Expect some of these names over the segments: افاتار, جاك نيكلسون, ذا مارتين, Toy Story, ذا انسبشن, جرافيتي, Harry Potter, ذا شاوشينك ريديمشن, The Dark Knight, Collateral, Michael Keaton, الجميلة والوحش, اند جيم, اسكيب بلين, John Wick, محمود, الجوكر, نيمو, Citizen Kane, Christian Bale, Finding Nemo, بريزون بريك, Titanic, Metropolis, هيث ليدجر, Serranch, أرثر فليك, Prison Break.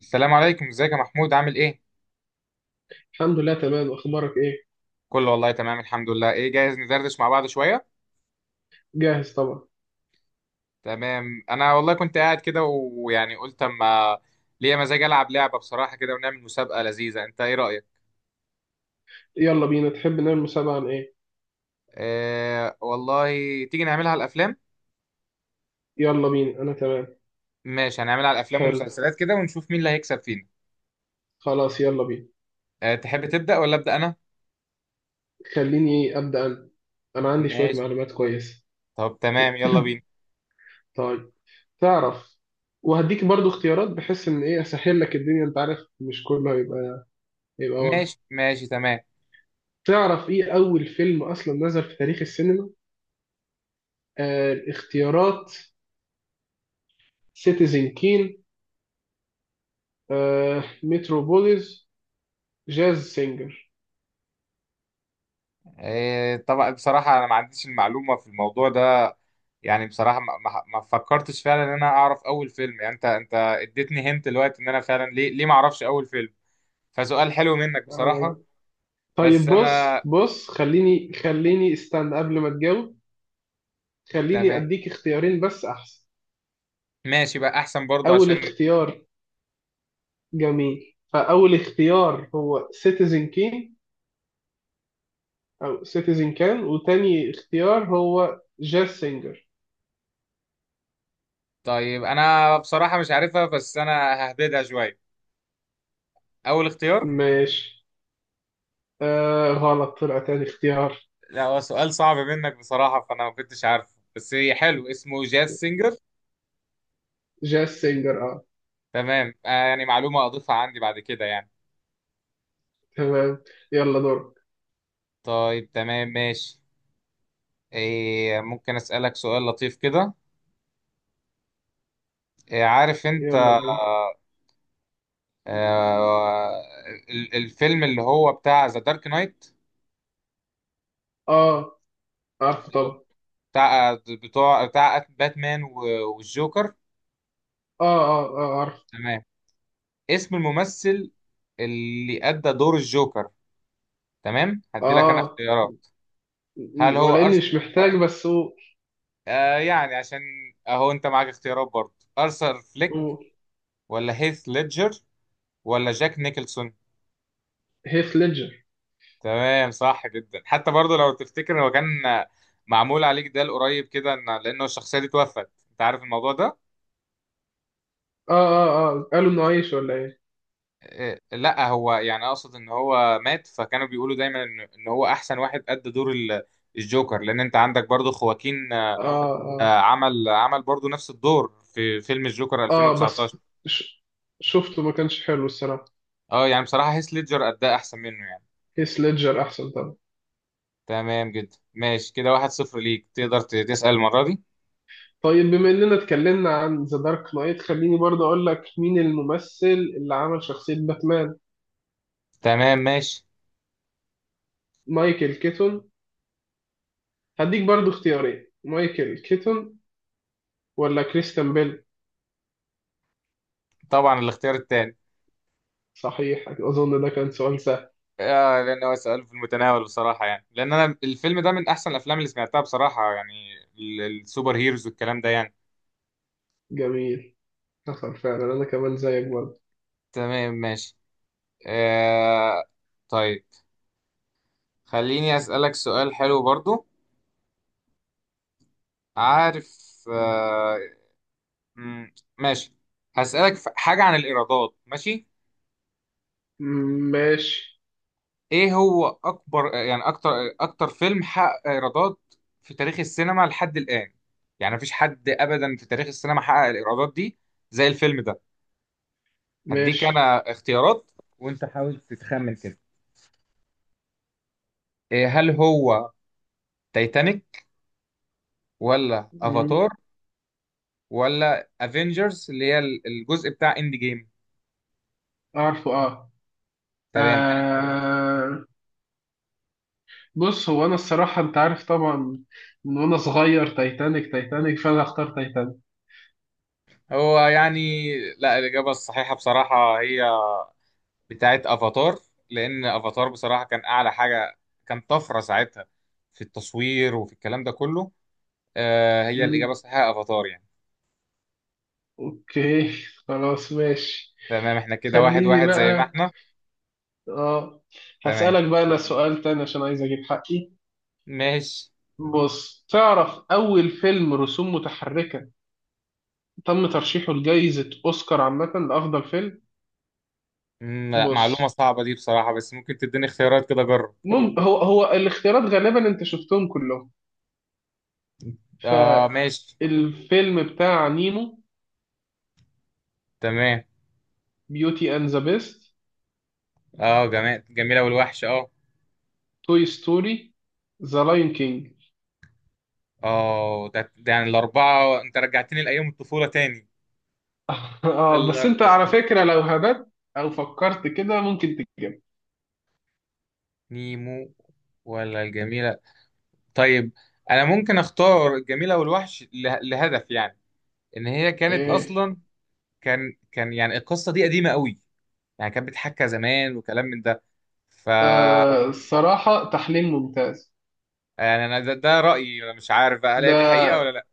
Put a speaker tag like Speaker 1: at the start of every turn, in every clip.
Speaker 1: السلام عليكم، ازيك يا محمود؟ عامل ايه؟
Speaker 2: الحمد لله، تمام. اخبارك ايه؟
Speaker 1: كله والله تمام، الحمد لله. ايه، جاهز ندردش مع بعض شويه؟
Speaker 2: جاهز طبعا.
Speaker 1: تمام، انا والله كنت قاعد كده ويعني قلت اما ليا مزاج العب لعبه بصراحه كده، ونعمل مسابقه لذيذه. انت ايه رايك؟
Speaker 2: يلا بينا. تحب نعمل مسابقة عن ايه؟
Speaker 1: آه والله، تيجي نعملها على الافلام.
Speaker 2: يلا بينا، انا تمام.
Speaker 1: ماشي، هنعملها على الافلام
Speaker 2: حلو.
Speaker 1: والمسلسلات كده ونشوف مين اللي هيكسب فينا.
Speaker 2: خلاص، يلا بينا.
Speaker 1: آه، تحب تبدا ولا ابدا انا؟
Speaker 2: خليني ابدا انا. انا عندي شوية
Speaker 1: ماشي،
Speaker 2: معلومات كويسة.
Speaker 1: طب تمام يلا بينا.
Speaker 2: طيب، تعرف، وهديك برضو اختيارات بحيث ان ايه اسهل لك الدنيا. انت عارف مش كله هيبقى واضح.
Speaker 1: ماشي، ماشي، تمام.
Speaker 2: تعرف ايه اول فيلم اصلا نزل في تاريخ السينما؟ آه، الاختيارات: سيتيزن كين، آه متروبوليس، جاز سينجر.
Speaker 1: آه طبعا، بصراحه انا ما عنديش المعلومه في الموضوع ده. يعني بصراحة ما فكرتش فعلا ان انا اعرف اول فيلم، يعني انت اديتني هنت دلوقتي ان انا فعلا ليه ما اعرفش اول فيلم. فسؤال حلو منك بصراحة.
Speaker 2: طيب،
Speaker 1: بس انا.
Speaker 2: بص، خليني استنى قبل ما تجاوب. خليني
Speaker 1: تمام،
Speaker 2: اديك اختيارين بس احسن.
Speaker 1: ماشي بقى احسن برضو
Speaker 2: اول
Speaker 1: عشان.
Speaker 2: اختيار. جميل، فاول اختيار هو سيتيزن كين او سيتيزن كان، وتاني اختيار هو جاز سينجر.
Speaker 1: طيب، انا بصراحة مش عارفها، بس انا ههبدها شوية. اول اختيار.
Speaker 2: ماشي. آه، غلط، طلع تاني اختيار.
Speaker 1: لا، هو سؤال صعب منك بصراحة، فانا ما كنتش عارفه، بس هي حلو اسمه جاز سينجر.
Speaker 2: جاز سينجر، اه.
Speaker 1: تمام. آه يعني معلومة اضيفها عندي بعد كده يعني.
Speaker 2: تمام. يلا، دورك.
Speaker 1: طيب، تمام، ماشي. إيه، ممكن اسألك سؤال لطيف كده؟ إيه، عارف
Speaker 2: يلا
Speaker 1: انت؟
Speaker 2: بينا.
Speaker 1: آه، الفيلم اللي هو بتاع ذا دارك نايت،
Speaker 2: اه، عارف. طب،
Speaker 1: بتاع باتمان والجوكر.
Speaker 2: اه، اه، اه، عارف.
Speaker 1: تمام. اسم الممثل اللي أدى دور الجوكر؟ تمام، هدي لك أنا
Speaker 2: اه،
Speaker 1: اختيارات. هل هو
Speaker 2: ولاني مش محتاج، بس قول.
Speaker 1: آه يعني عشان أهو أنت معاك اختيارات برضه. أرثر فليك،
Speaker 2: قول.
Speaker 1: ولا هيث ليدجر، ولا جاك نيكلسون؟
Speaker 2: هيث ليدجر.
Speaker 1: تمام، صح جدا. حتى برضه لو تفتكر هو كان معمول عليك ده قريب كده، لأنه الشخصية دي توفت. أنت عارف الموضوع ده.
Speaker 2: اه، اه، اه، قالوا انه عايش ولا ايه؟
Speaker 1: لا، هو يعني اقصد ان هو مات، فكانوا بيقولوا دايما ان هو احسن واحد ادى دور الجوكر، لان انت عندك برضو خواكين.
Speaker 2: اه، اه،
Speaker 1: عمل برضو نفس الدور في فيلم الجوكر
Speaker 2: اه، اه، بس
Speaker 1: 2019.
Speaker 2: ش... شفته ما كانش حلو الصراحه.
Speaker 1: اه، يعني بصراحة هيث ليدجر اداه احسن منه يعني.
Speaker 2: هيث ليدجر احسن طبعا.
Speaker 1: تمام جدا، ماشي كده، واحد صفر ليك. تقدر تسأل المرة دي.
Speaker 2: طيب بما اننا اتكلمنا عن ذا دارك نايت، خليني برضه اقول لك مين الممثل اللي عمل شخصيه باتمان.
Speaker 1: تمام، ماشي.
Speaker 2: مايكل كيتون. هديك برضه اختيارين: مايكل كيتون ولا كريستيان بيل؟
Speaker 1: طبعا الاختيار التاني.
Speaker 2: صحيح، اظن ده كان سؤال سهل.
Speaker 1: آه، لان هو سؤال في المتناول بصراحة، يعني لان انا الفيلم ده من احسن الافلام اللي سمعتها بصراحة، يعني السوبر هيروز والكلام ده يعني.
Speaker 2: جميل. حصل فعلا، انا كمان زيك برضه.
Speaker 1: تمام، ماشي. آه. طيب، خليني أسألك سؤال حلو برضو. عارف؟ ماشي. هسألك حاجة عن الإيرادات، ماشي؟
Speaker 2: مم، ماشي،
Speaker 1: إيه هو أكبر، يعني أكتر فيلم حقق إيرادات في تاريخ السينما لحد الآن؟ يعني مفيش حد أبدا في تاريخ السينما حقق الإيرادات دي زي الفيلم ده. هديك
Speaker 2: ماشي.
Speaker 1: أنا اختيارات وأنت حاول تتخمن كده. إيه، هل هو تايتانيك، ولا
Speaker 2: مم.
Speaker 1: افاتار، ولا افنجرز اللي هي الجزء بتاع اند جيم؟
Speaker 2: اعرفه، اه.
Speaker 1: تمام انا.
Speaker 2: آه، بص هو انا الصراحه انت عارف طبعا من وانا صغير تايتانيك تايتانيك، فانا هختار تايتانيك.
Speaker 1: هو يعني لا، الاجابه الصحيحه بصراحه هي بتاعت افاتار. لان افاتار بصراحه كان اعلى حاجه، كان طفره ساعتها في التصوير وفي الكلام ده كله. آه، هي الاجابه
Speaker 2: مم.
Speaker 1: الصحيحه افاتار يعني.
Speaker 2: اوكي، خلاص، ماشي.
Speaker 1: تمام، احنا كده واحد
Speaker 2: خليني
Speaker 1: واحد زي ما
Speaker 2: بقى،
Speaker 1: احنا.
Speaker 2: اه،
Speaker 1: تمام،
Speaker 2: هسألك بقى انا سؤال تاني عشان عايز اجيب حقي.
Speaker 1: ماشي.
Speaker 2: بص، تعرف اول فيلم رسوم متحركة تم ترشيحه لجائزة اوسكار عامة لافضل فيلم؟
Speaker 1: مم، لا، معلومه
Speaker 2: بص،
Speaker 1: صعبه دي بصراحه، بس ممكن تديني اختيارات كده اجرب.
Speaker 2: هو الاختيارات غالبا انت شفتهم كلهم.
Speaker 1: اه، ماشي.
Speaker 2: فالفيلم بتاع نيمو،
Speaker 1: تمام.
Speaker 2: بيوتي اند ذا بيست،
Speaker 1: اه، جميل، جميله والوحش اه.
Speaker 2: توي ستوري، ذا لاين كينج.
Speaker 1: اه، ده يعني الأربعة، أنت رجعتني لأيام الطفولة تاني.
Speaker 2: اه، بس
Speaker 1: إلا.
Speaker 2: انت على فكرة لو هبت او فكرت كده ممكن تجيب.
Speaker 1: نيمو ولا الجميلة؟ طيب، أنا ممكن أختار الجميلة والوحش لهدف، يعني إن هي كانت
Speaker 2: ايه؟
Speaker 1: أصلا، كان يعني القصة دي قديمة قوي، يعني كانت بتحكى زمان وكلام من ده. ف
Speaker 2: آه، الصراحة تحليل ممتاز.
Speaker 1: يعني أنا ده رأيي، أنا مش عارف بقى هل هي دي
Speaker 2: ده
Speaker 1: حقيقة ولا لأ.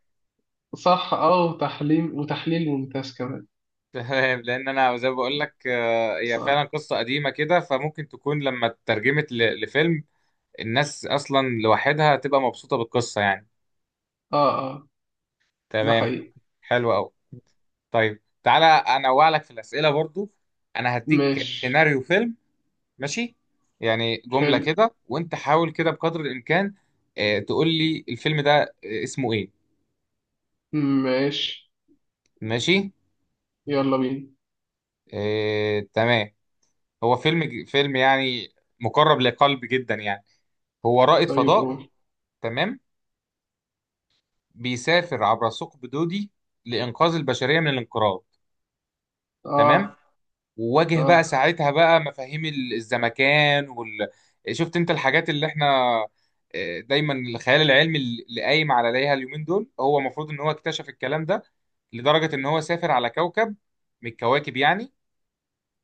Speaker 2: صح، اه، وتحليل ممتاز كمان.
Speaker 1: تمام، لأن أنا زي ما بقول لك هي
Speaker 2: صح،
Speaker 1: فعلا قصة قديمة كده، فممكن تكون لما اترجمت لفيلم الناس اصلا لوحدها هتبقى مبسوطه بالقصه يعني.
Speaker 2: اه، اه، ده
Speaker 1: تمام.
Speaker 2: حقيقي.
Speaker 1: حلو قوي. طيب، تعالى انوع لك في الاسئله برضو. انا هديك
Speaker 2: ماشي.
Speaker 1: سيناريو فيلم، ماشي؟ يعني جمله
Speaker 2: حلو.
Speaker 1: كده وانت حاول كده بقدر الامكان تقول لي الفيلم ده اسمه ايه.
Speaker 2: ماشي.
Speaker 1: ماشي.
Speaker 2: يلا بينا.
Speaker 1: تمام. هو فيلم يعني مقرب لقلب جدا، يعني هو رائد
Speaker 2: طيب،
Speaker 1: فضاء.
Speaker 2: قول.
Speaker 1: تمام. بيسافر عبر ثقب دودي لإنقاذ البشرية من الانقراض.
Speaker 2: اه،
Speaker 1: تمام. وواجه بقى
Speaker 2: اه،
Speaker 1: ساعتها بقى مفاهيم الزمكان شفت انت الحاجات اللي احنا دايما الخيال العلمي اللي قايم عليها اليومين دول، هو المفروض ان هو اكتشف الكلام ده لدرجة ان هو سافر على كوكب من الكواكب، يعني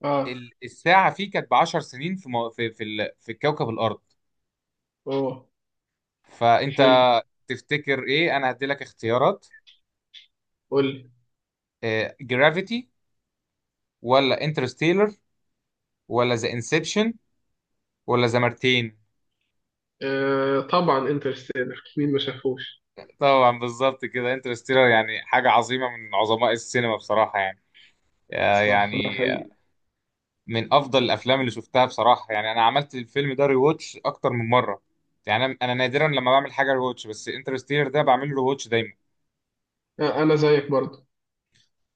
Speaker 2: اه.
Speaker 1: الساعة فيه كانت ب 10 سنين في مو- في في, ال... في كوكب الأرض.
Speaker 2: اوه،
Speaker 1: فانت
Speaker 2: حلو.
Speaker 1: تفتكر ايه؟ انا هدي لك اختيارات.
Speaker 2: قول.
Speaker 1: جرافيتي، ولا انترستيلر، ولا ذا انسبشن، ولا ذا مارتين؟
Speaker 2: آه طبعا انترستيلر، مين ما شافوش؟
Speaker 1: طبعا بالظبط كده، انترستيلر يعني حاجة عظيمة من عظماء السينما بصراحة يعني.
Speaker 2: صح، ده
Speaker 1: يعني
Speaker 2: حقيقي.
Speaker 1: من أفضل الأفلام اللي شفتها بصراحة، يعني أنا عملت الفيلم ده ريواتش أكتر من مرة. يعني أنا نادرا لما بعمل حاجة ريواتش، بس انترستيلر ده بعمل له ريواتش دايما.
Speaker 2: آه، انا زيك برضه.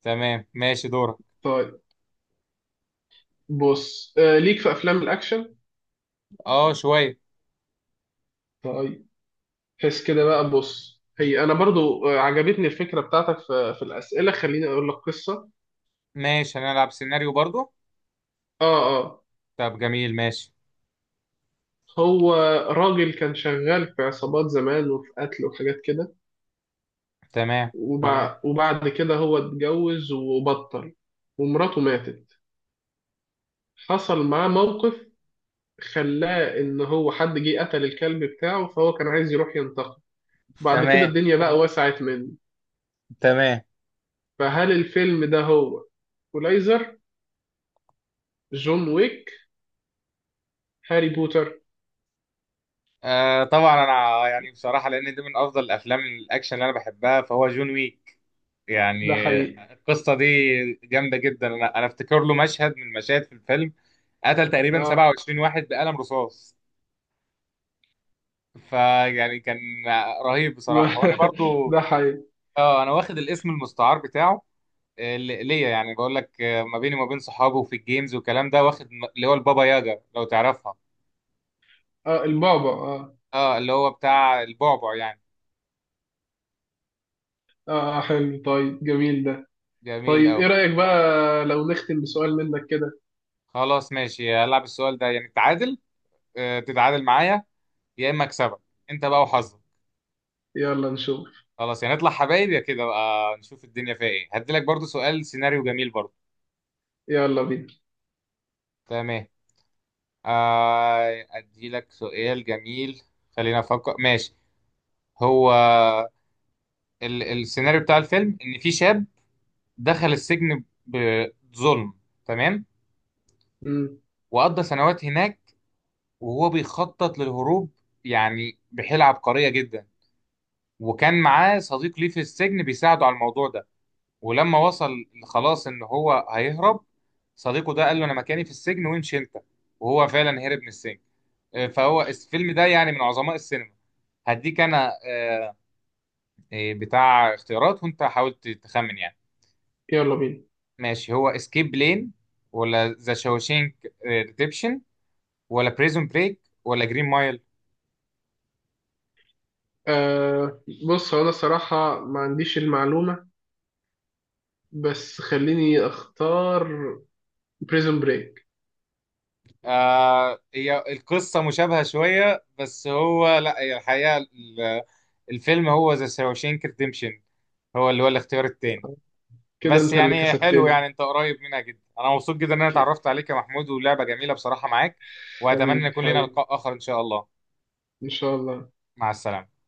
Speaker 1: تمام، ماشي، دورك.
Speaker 2: طيب، بص، ليك في افلام الاكشن؟
Speaker 1: أه شوية.
Speaker 2: طيب، حس كده بقى. بص هي انا برضو عجبتني الفكره بتاعتك في الاسئله، خليني اقول لك قصه.
Speaker 1: ماشي، هنلعب سيناريو برضو.
Speaker 2: اه، اه.
Speaker 1: طب جميل، ماشي.
Speaker 2: هو راجل كان شغال في عصابات زمان وفي قتل وحاجات كده، اه.
Speaker 1: تمام،
Speaker 2: وبعد كده هو اتجوز وبطل. ومراته ماتت. حصل معاه موقف خلاه ان هو حد جه قتل الكلب بتاعه، فهو كان عايز يروح ينتقم. بعد كده
Speaker 1: تمام،
Speaker 2: الدنيا بقى وسعت منه.
Speaker 1: تمام.
Speaker 2: فهل الفيلم ده هو كولايزر، جون ويك، هاري بوتر؟
Speaker 1: آه طبعا، أنا يعني بصراحة لأن دي من أفضل الأفلام الأكشن اللي أنا بحبها، فهو جون ويك. يعني
Speaker 2: ده حقيقي.
Speaker 1: القصة دي جامدة جدا، أنا أفتكر له مشهد من المشاهد في الفيلم قتل تقريبا
Speaker 2: اه.
Speaker 1: 27 واحد بقلم رصاص. فيعني كان رهيب
Speaker 2: ما
Speaker 1: بصراحة، وأنا برضو.
Speaker 2: ده حقيقي.
Speaker 1: أه، أنا واخد الاسم المستعار بتاعه. ليا، يعني بقول لك ما بيني وما بين صحابه وفي الجيمز والكلام ده، واخد اللي هو البابا ياجا، لو تعرفها.
Speaker 2: اه، البابا، اه.
Speaker 1: أه اللي هو بتاع البعبع يعني.
Speaker 2: اه. آه، حلو، طيب جميل ده.
Speaker 1: جميل
Speaker 2: طيب
Speaker 1: أوي.
Speaker 2: ايه رأيك بقى لو نختم بسؤال منك كده؟
Speaker 1: خلاص، ماشي، هلعب السؤال ده يعني تعادل، تتعادل معايا يا إما أكسبك. أنت بقى وحظك.
Speaker 2: يلا نشوف.
Speaker 1: خلاص، يعني نطلع حبايب يا كده بقى، نشوف الدنيا فيها ايه. هديلك برضو سؤال سيناريو جميل برضو.
Speaker 2: يلا بينا.
Speaker 1: تمام. اديلك سؤال جميل. خلينا افكر، ماشي. هو ال السيناريو بتاع الفيلم، ان في شاب دخل السجن بظلم، تمام؟
Speaker 2: مم.
Speaker 1: وقضى سنوات هناك وهو بيخطط للهروب، يعني بحيلة عبقرية جدا. وكان معاه صديق ليه في السجن بيساعده على الموضوع ده. ولما وصل خلاص ان هو هيهرب، صديقه ده قال له انا مكاني في السجن وامشي انت. وهو فعلا هرب من السجن. فهو الفيلم ده يعني من عظماء السينما. هديك انا بتاع اختيارات وانت حاول تخمن يعني.
Speaker 2: يلا بينا.
Speaker 1: ماشي، هو اسكيب بلين، ولا ذا شاوشينك ريديمشن، ولا بريزون بريك، ولا جرين مايل؟
Speaker 2: آه، بص هو انا الصراحة ما عنديش المعلومة، بس خليني اختار بريزون بريك.
Speaker 1: آه، هي القصة مشابهة شوية، بس هو لا، هي الحقيقة الفيلم هو ذا شاوشينك ريديمشن، هو اللي هو الاختيار التاني.
Speaker 2: كده
Speaker 1: بس
Speaker 2: انت اللي
Speaker 1: يعني حلو، يعني
Speaker 2: كسبتني.
Speaker 1: انت قريب منها جدا. انا مبسوط جدا ان انا
Speaker 2: ك-
Speaker 1: اتعرفت عليك يا محمود، ولعبة جميلة بصراحة معاك. واتمنى
Speaker 2: حبيبي،
Speaker 1: يكون لنا
Speaker 2: حبيبي،
Speaker 1: لقاء اخر ان شاء الله.
Speaker 2: ان شاء الله.
Speaker 1: مع السلامة.